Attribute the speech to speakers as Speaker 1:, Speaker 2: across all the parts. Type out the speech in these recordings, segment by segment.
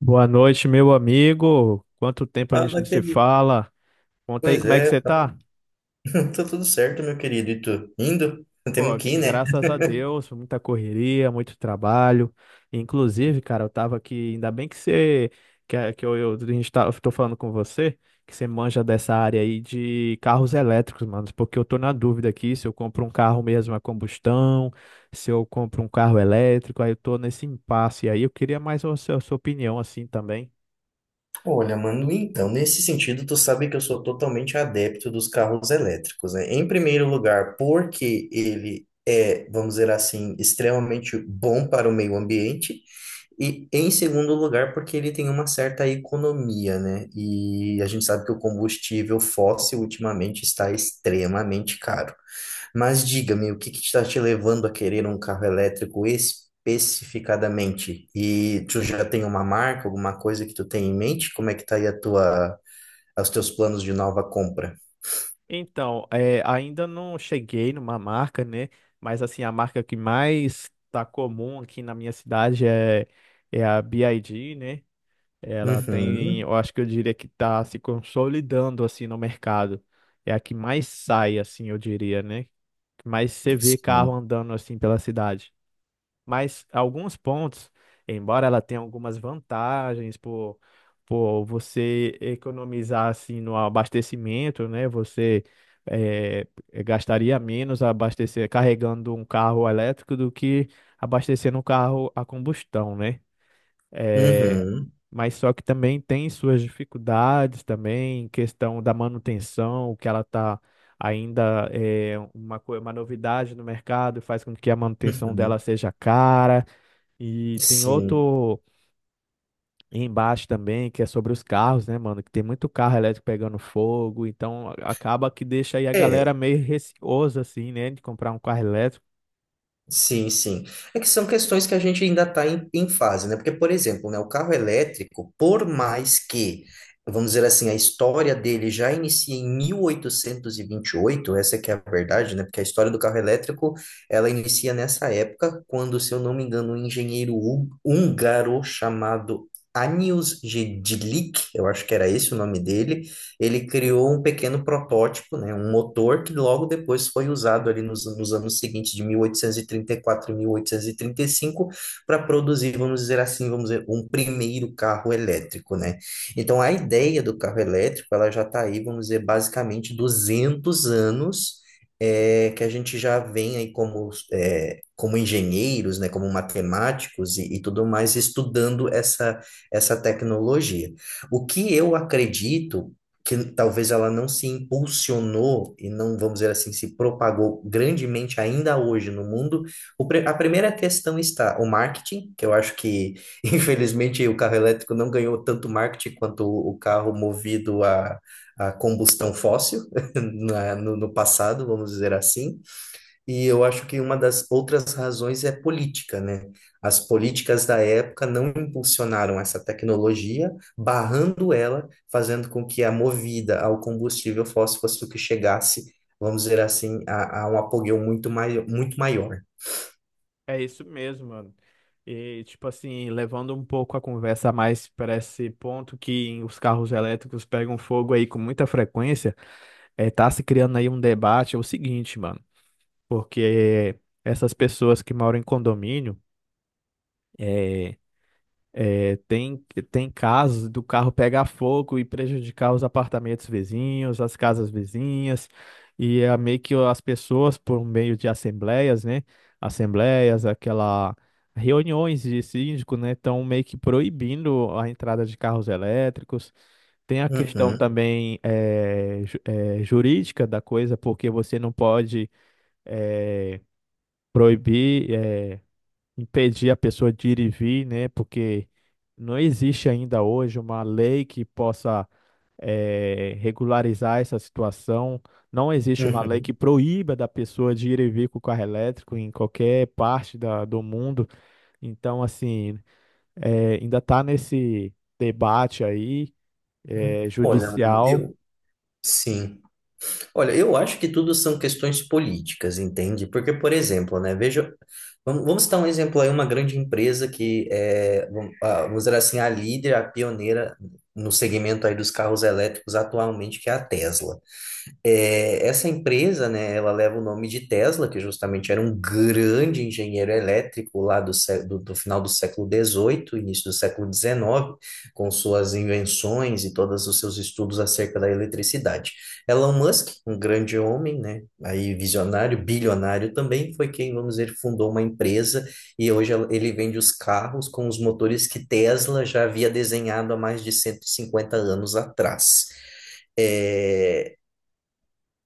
Speaker 1: Boa noite, meu amigo. Quanto tempo a gente não
Speaker 2: Fala,
Speaker 1: se
Speaker 2: querido.
Speaker 1: fala? Conta aí
Speaker 2: Pois
Speaker 1: como é que
Speaker 2: é,
Speaker 1: você
Speaker 2: fala.
Speaker 1: tá?
Speaker 2: Tá tudo certo, meu querido. E tu? Indo? Temos
Speaker 1: Pô,
Speaker 2: que ir, né?
Speaker 1: graças a Deus, muita correria, muito trabalho. Inclusive, cara, eu tava aqui, ainda bem que você, que, a- que eu, a gente tá, eu tô falando com você, que você manja dessa área aí de carros elétricos, mano, porque eu tô na dúvida aqui se eu compro um carro mesmo a combustão, se eu compro um carro elétrico, aí eu tô nesse impasse aí. Eu queria mais a sua opinião assim também.
Speaker 2: Olha, mano, então, nesse sentido, tu sabe que eu sou totalmente adepto dos carros elétricos, né? Em primeiro lugar, porque ele é, vamos dizer assim, extremamente bom para o meio ambiente. E em segundo lugar, porque ele tem uma certa economia, né? E a gente sabe que o combustível fóssil ultimamente está extremamente caro. Mas diga-me, o que que está te levando a querer um carro elétrico especificadamente? E tu já tem uma marca, alguma coisa que tu tem em mente? Como é que tá aí a tua, os teus planos de nova compra?
Speaker 1: Então, é, ainda não cheguei numa marca, né? Mas assim, a marca que mais tá comum aqui na minha cidade é a BYD, né? Ela tem,
Speaker 2: Uhum,
Speaker 1: eu acho que eu diria que tá se consolidando assim no mercado. É a que mais sai, assim, eu diria, né? Que mais você vê carro
Speaker 2: sim.
Speaker 1: andando assim pela cidade. Mas alguns pontos, embora ela tenha algumas vantagens por você economizar assim no abastecimento, né? Você gastaria menos abastecer carregando um carro elétrico do que abastecendo um carro a combustão, né? Eh,
Speaker 2: Uhum,
Speaker 1: mas só que também tem suas dificuldades também, questão da manutenção, que ela está ainda é uma novidade no mercado, faz com que a manutenção
Speaker 2: uhum,
Speaker 1: dela seja cara. E tem
Speaker 2: sim.
Speaker 1: outro embaixo também, que é sobre os carros, né, mano? Que tem muito carro elétrico pegando fogo, então acaba que deixa aí a galera
Speaker 2: É,
Speaker 1: meio receosa, assim, né, de comprar um carro elétrico.
Speaker 2: sim, sim. É que são questões que a gente ainda está em fase, né? Porque, por exemplo, né, o carro elétrico, por mais que, vamos dizer assim, a história dele já inicia em mil oitocentos e vinte e oito, essa é que é a verdade, né? Porque a história do carro elétrico, ela inicia nessa época, quando, se eu não me engano, um engenheiro húngaro chamado Anius Gedlik, eu acho que era esse o nome dele, ele criou um pequeno protótipo, né, um motor que logo depois foi usado ali nos anos seguintes, de 1834 e 1835, para produzir, vamos dizer assim, vamos dizer, um primeiro carro elétrico, né? Então, a ideia do carro elétrico, ela já está aí, vamos dizer, basicamente 200 anos, é, que a gente já vem aí como, é, como engenheiros, né, como matemáticos e tudo mais, estudando essa, essa tecnologia. O que eu acredito que talvez ela não se impulsionou e não, vamos dizer assim, se propagou grandemente ainda hoje no mundo, a primeira questão está o marketing, que eu acho que, infelizmente, o carro elétrico não ganhou tanto marketing quanto o carro movido a combustão fóssil no passado, vamos dizer assim. E eu acho que uma das outras razões é política, né? As políticas da época não impulsionaram essa tecnologia, barrando ela, fazendo com que a movida ao combustível fóssil fosse o que chegasse, vamos dizer assim, a um apogeu muito maior, muito maior.
Speaker 1: É isso mesmo, mano. E, tipo assim, levando um pouco a conversa mais para esse ponto que os carros elétricos pegam fogo aí com muita frequência, é, tá se criando aí um debate, é o seguinte, mano, porque essas pessoas que moram em condomínio, é, É, tem, tem casos do carro pegar fogo e prejudicar os apartamentos vizinhos, as casas vizinhas, e é meio que as pessoas, por meio de assembleias, né? Assembleias, aquela reuniões de síndico, né? Estão meio que proibindo a entrada de carros elétricos. Tem a questão
Speaker 2: Uhum,
Speaker 1: também jurídica da coisa, porque você não pode eh, proibir. Impedir a pessoa de ir e vir, né? Porque não existe ainda hoje uma lei que possa regularizar essa situação. Não existe uma lei que
Speaker 2: uhum.
Speaker 1: proíba da pessoa de ir e vir com o carro elétrico em qualquer parte do mundo. Então, assim, ainda está nesse debate aí
Speaker 2: Olha, mano,
Speaker 1: judicial.
Speaker 2: eu, sim. Olha, eu acho que tudo são questões políticas, entende? Porque, por exemplo, né, veja, vamos citar um exemplo aí, uma grande empresa que é, vamos dizer assim, a líder, a pioneira no segmento aí dos carros elétricos atualmente, que é a Tesla. É, essa empresa, né, ela leva o nome de Tesla, que justamente era um grande engenheiro elétrico lá do final do século XVIII, início do século XIX, com suas invenções e todos os seus estudos acerca da eletricidade. Elon Musk, um grande homem, né, aí visionário, bilionário também, foi quem, vamos dizer, fundou uma empresa e hoje ele vende os carros com os motores que Tesla já havia desenhado há mais de 150 anos atrás. É,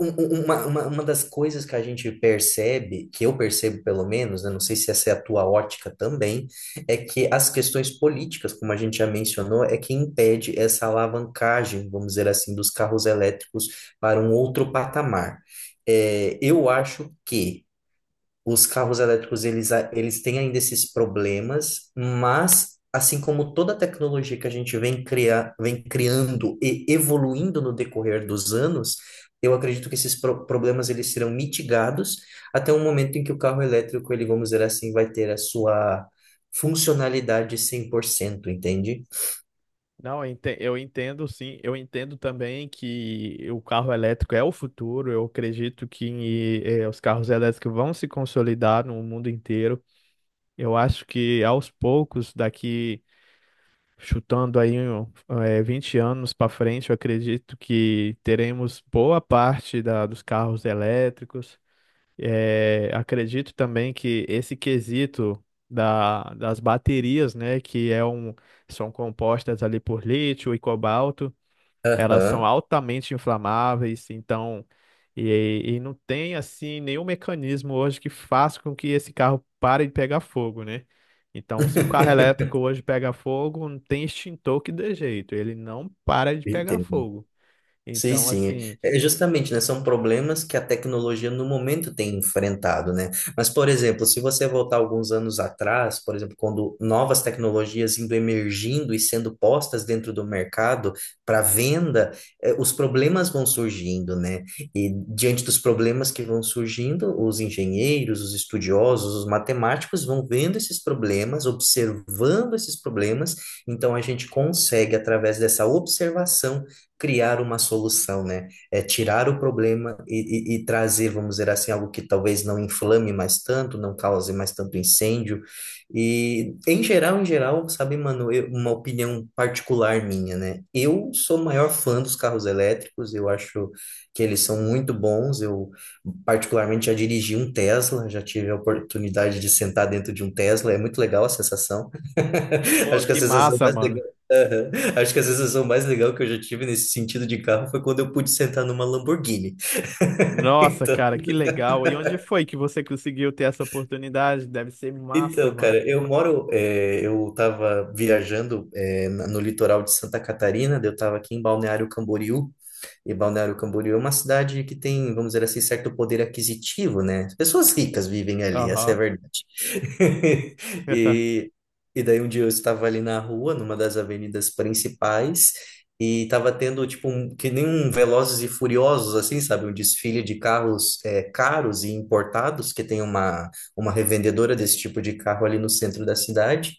Speaker 2: Uma das coisas que a gente percebe, que eu percebo pelo menos, né, não sei se essa é a tua ótica também, é que as questões políticas, como a gente já mencionou, é que impede essa alavancagem, vamos dizer assim, dos carros elétricos para um outro patamar. É, eu acho que os carros elétricos, eles têm ainda esses problemas, mas assim como toda a tecnologia que a gente vem criar, vem criando e evoluindo no decorrer dos anos, eu acredito que esses problemas eles serão mitigados até o momento em que o carro elétrico, ele, vamos dizer assim, vai ter a sua funcionalidade 100%, entende?
Speaker 1: Não, eu entendo sim, eu entendo também que o carro elétrico é o futuro, eu acredito que os carros elétricos vão se consolidar no mundo inteiro. Eu acho que aos poucos, daqui chutando aí um, eh, 20 anos para frente, eu acredito que teremos boa parte dos carros elétricos. Acredito também que esse quesito das baterias, né, que é um, são compostas ali por lítio e cobalto. Elas são
Speaker 2: Aham.
Speaker 1: altamente inflamáveis, então, e não tem assim nenhum mecanismo hoje que faça com que esse carro pare de pegar fogo, né? Então, se um carro elétrico hoje pega fogo, não tem extintor que dê jeito, ele não para de pegar
Speaker 2: Entendo.
Speaker 1: fogo.
Speaker 2: Sim,
Speaker 1: Então,
Speaker 2: sim.
Speaker 1: assim,
Speaker 2: É, é justamente, né? São problemas que a tecnologia no momento tem enfrentado, né? Mas, por exemplo, se você voltar alguns anos atrás, por exemplo, quando novas tecnologias indo emergindo e sendo postas dentro do mercado para venda, os problemas vão surgindo, né? E diante dos problemas que vão surgindo, os engenheiros, os estudiosos, os matemáticos vão vendo esses problemas, observando esses problemas, então a gente consegue, através dessa observação, criar uma solução, né? É tirar o problema e trazer, vamos dizer assim, algo que talvez não inflame mais tanto, não cause mais tanto incêndio. E em geral, sabe, mano, uma opinião particular minha, né? Eu sou o maior fã dos carros elétricos, eu acho que eles são muito bons. Eu particularmente já dirigi um Tesla, já tive a oportunidade de sentar dentro de um Tesla, é muito legal a sensação.
Speaker 1: pô,
Speaker 2: Acho que a
Speaker 1: que
Speaker 2: sensação
Speaker 1: massa,
Speaker 2: mais
Speaker 1: mano.
Speaker 2: legal, aham. Acho que a sensação mais legal que eu já tive nesse sentido de carro foi quando eu pude sentar numa Lamborghini.
Speaker 1: Nossa,
Speaker 2: Então,
Speaker 1: cara, que legal. E onde foi que você conseguiu ter essa oportunidade? Deve ser massa,
Speaker 2: Então,
Speaker 1: mano.
Speaker 2: cara, eu moro, eu estava viajando, no litoral de Santa Catarina, daí eu estava aqui em Balneário Camboriú, e Balneário Camboriú é uma cidade que tem, vamos dizer assim, certo poder aquisitivo, né? As pessoas ricas vivem ali, essa é a
Speaker 1: Aham.
Speaker 2: verdade. E, e daí um dia eu estava ali na rua, numa das avenidas principais, e estava tendo, tipo, um, que nem um Velozes e Furiosos, assim, sabe? Um desfile de carros, caros e importados, que tem uma revendedora desse tipo de carro ali no centro da cidade.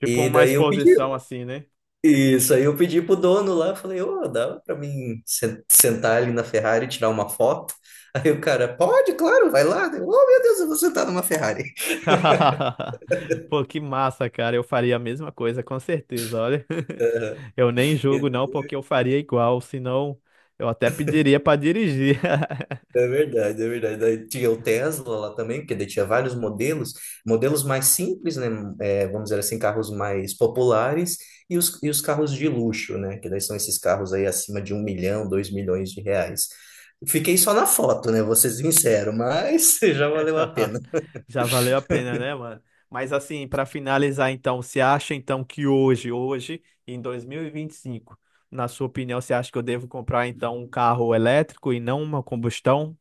Speaker 1: Tipo
Speaker 2: E
Speaker 1: uma
Speaker 2: daí eu pedi,
Speaker 1: exposição assim, né?
Speaker 2: isso aí eu pedi pro dono lá, falei, ô, dá pra mim sentar ali na Ferrari e tirar uma foto? Aí o cara, pode, claro, vai lá. Eu, oh, meu Deus, eu vou sentar numa Ferrari.
Speaker 1: Pô, que massa, cara. Eu faria a mesma coisa, com certeza. Olha, eu nem julgo não, porque eu faria igual, senão eu até pediria pra dirigir.
Speaker 2: É verdade, é verdade. Daí tinha o Tesla lá também, porque daí tinha vários modelos, modelos mais simples, né? É, vamos dizer assim, carros mais populares e os carros de luxo, né? Que daí são esses carros aí acima de 1 milhão, 2 milhões de reais. Fiquei só na foto, né? Vou ser sincero, mas já valeu a pena.
Speaker 1: Já valeu a pena, né, mano? Mas assim, pra finalizar então, você acha então que hoje, hoje, em 2025, na sua opinião, você acha que eu devo comprar então um carro elétrico e não uma combustão?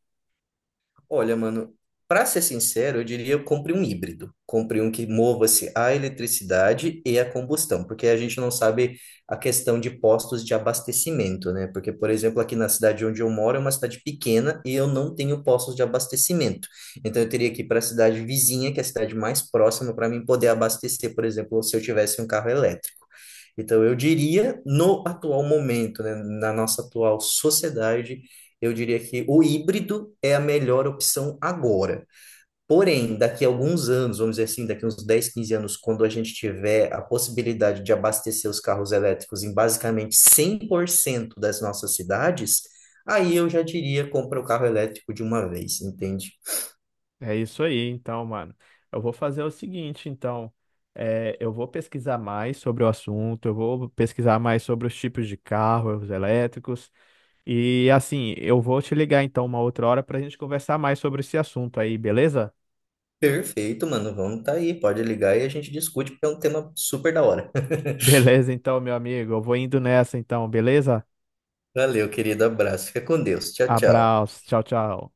Speaker 2: Olha, mano, para ser sincero, eu diria eu compre um híbrido. Compre um que mova-se a eletricidade e a combustão, porque a gente não sabe a questão de postos de abastecimento, né? Porque, por exemplo, aqui na cidade onde eu moro é uma cidade pequena e eu não tenho postos de abastecimento. Então, eu teria que ir para a cidade vizinha, que é a cidade mais próxima, para mim poder abastecer, por exemplo, se eu tivesse um carro elétrico. Então, eu diria, no atual momento, né, na nossa atual sociedade, eu diria que o híbrido é a melhor opção agora. Porém, daqui a alguns anos, vamos dizer assim, daqui a uns 10, 15 anos, quando a gente tiver a possibilidade de abastecer os carros elétricos em basicamente 100% das nossas cidades, aí eu já diria, compra o carro elétrico de uma vez, entende?
Speaker 1: É isso aí, então, mano. Eu vou fazer o seguinte, então. É, eu vou pesquisar mais sobre o assunto, eu vou pesquisar mais sobre os tipos de carros elétricos. E assim, eu vou te ligar então uma outra hora pra gente conversar mais sobre esse assunto aí, beleza?
Speaker 2: Perfeito, mano, vamos tá aí, pode ligar e a gente discute, porque é um tema super da hora.
Speaker 1: Beleza, então, meu amigo. Eu vou indo nessa, então, beleza?
Speaker 2: Valeu, querido, abraço, fica com Deus, tchau, tchau.
Speaker 1: Abraço, tchau, tchau.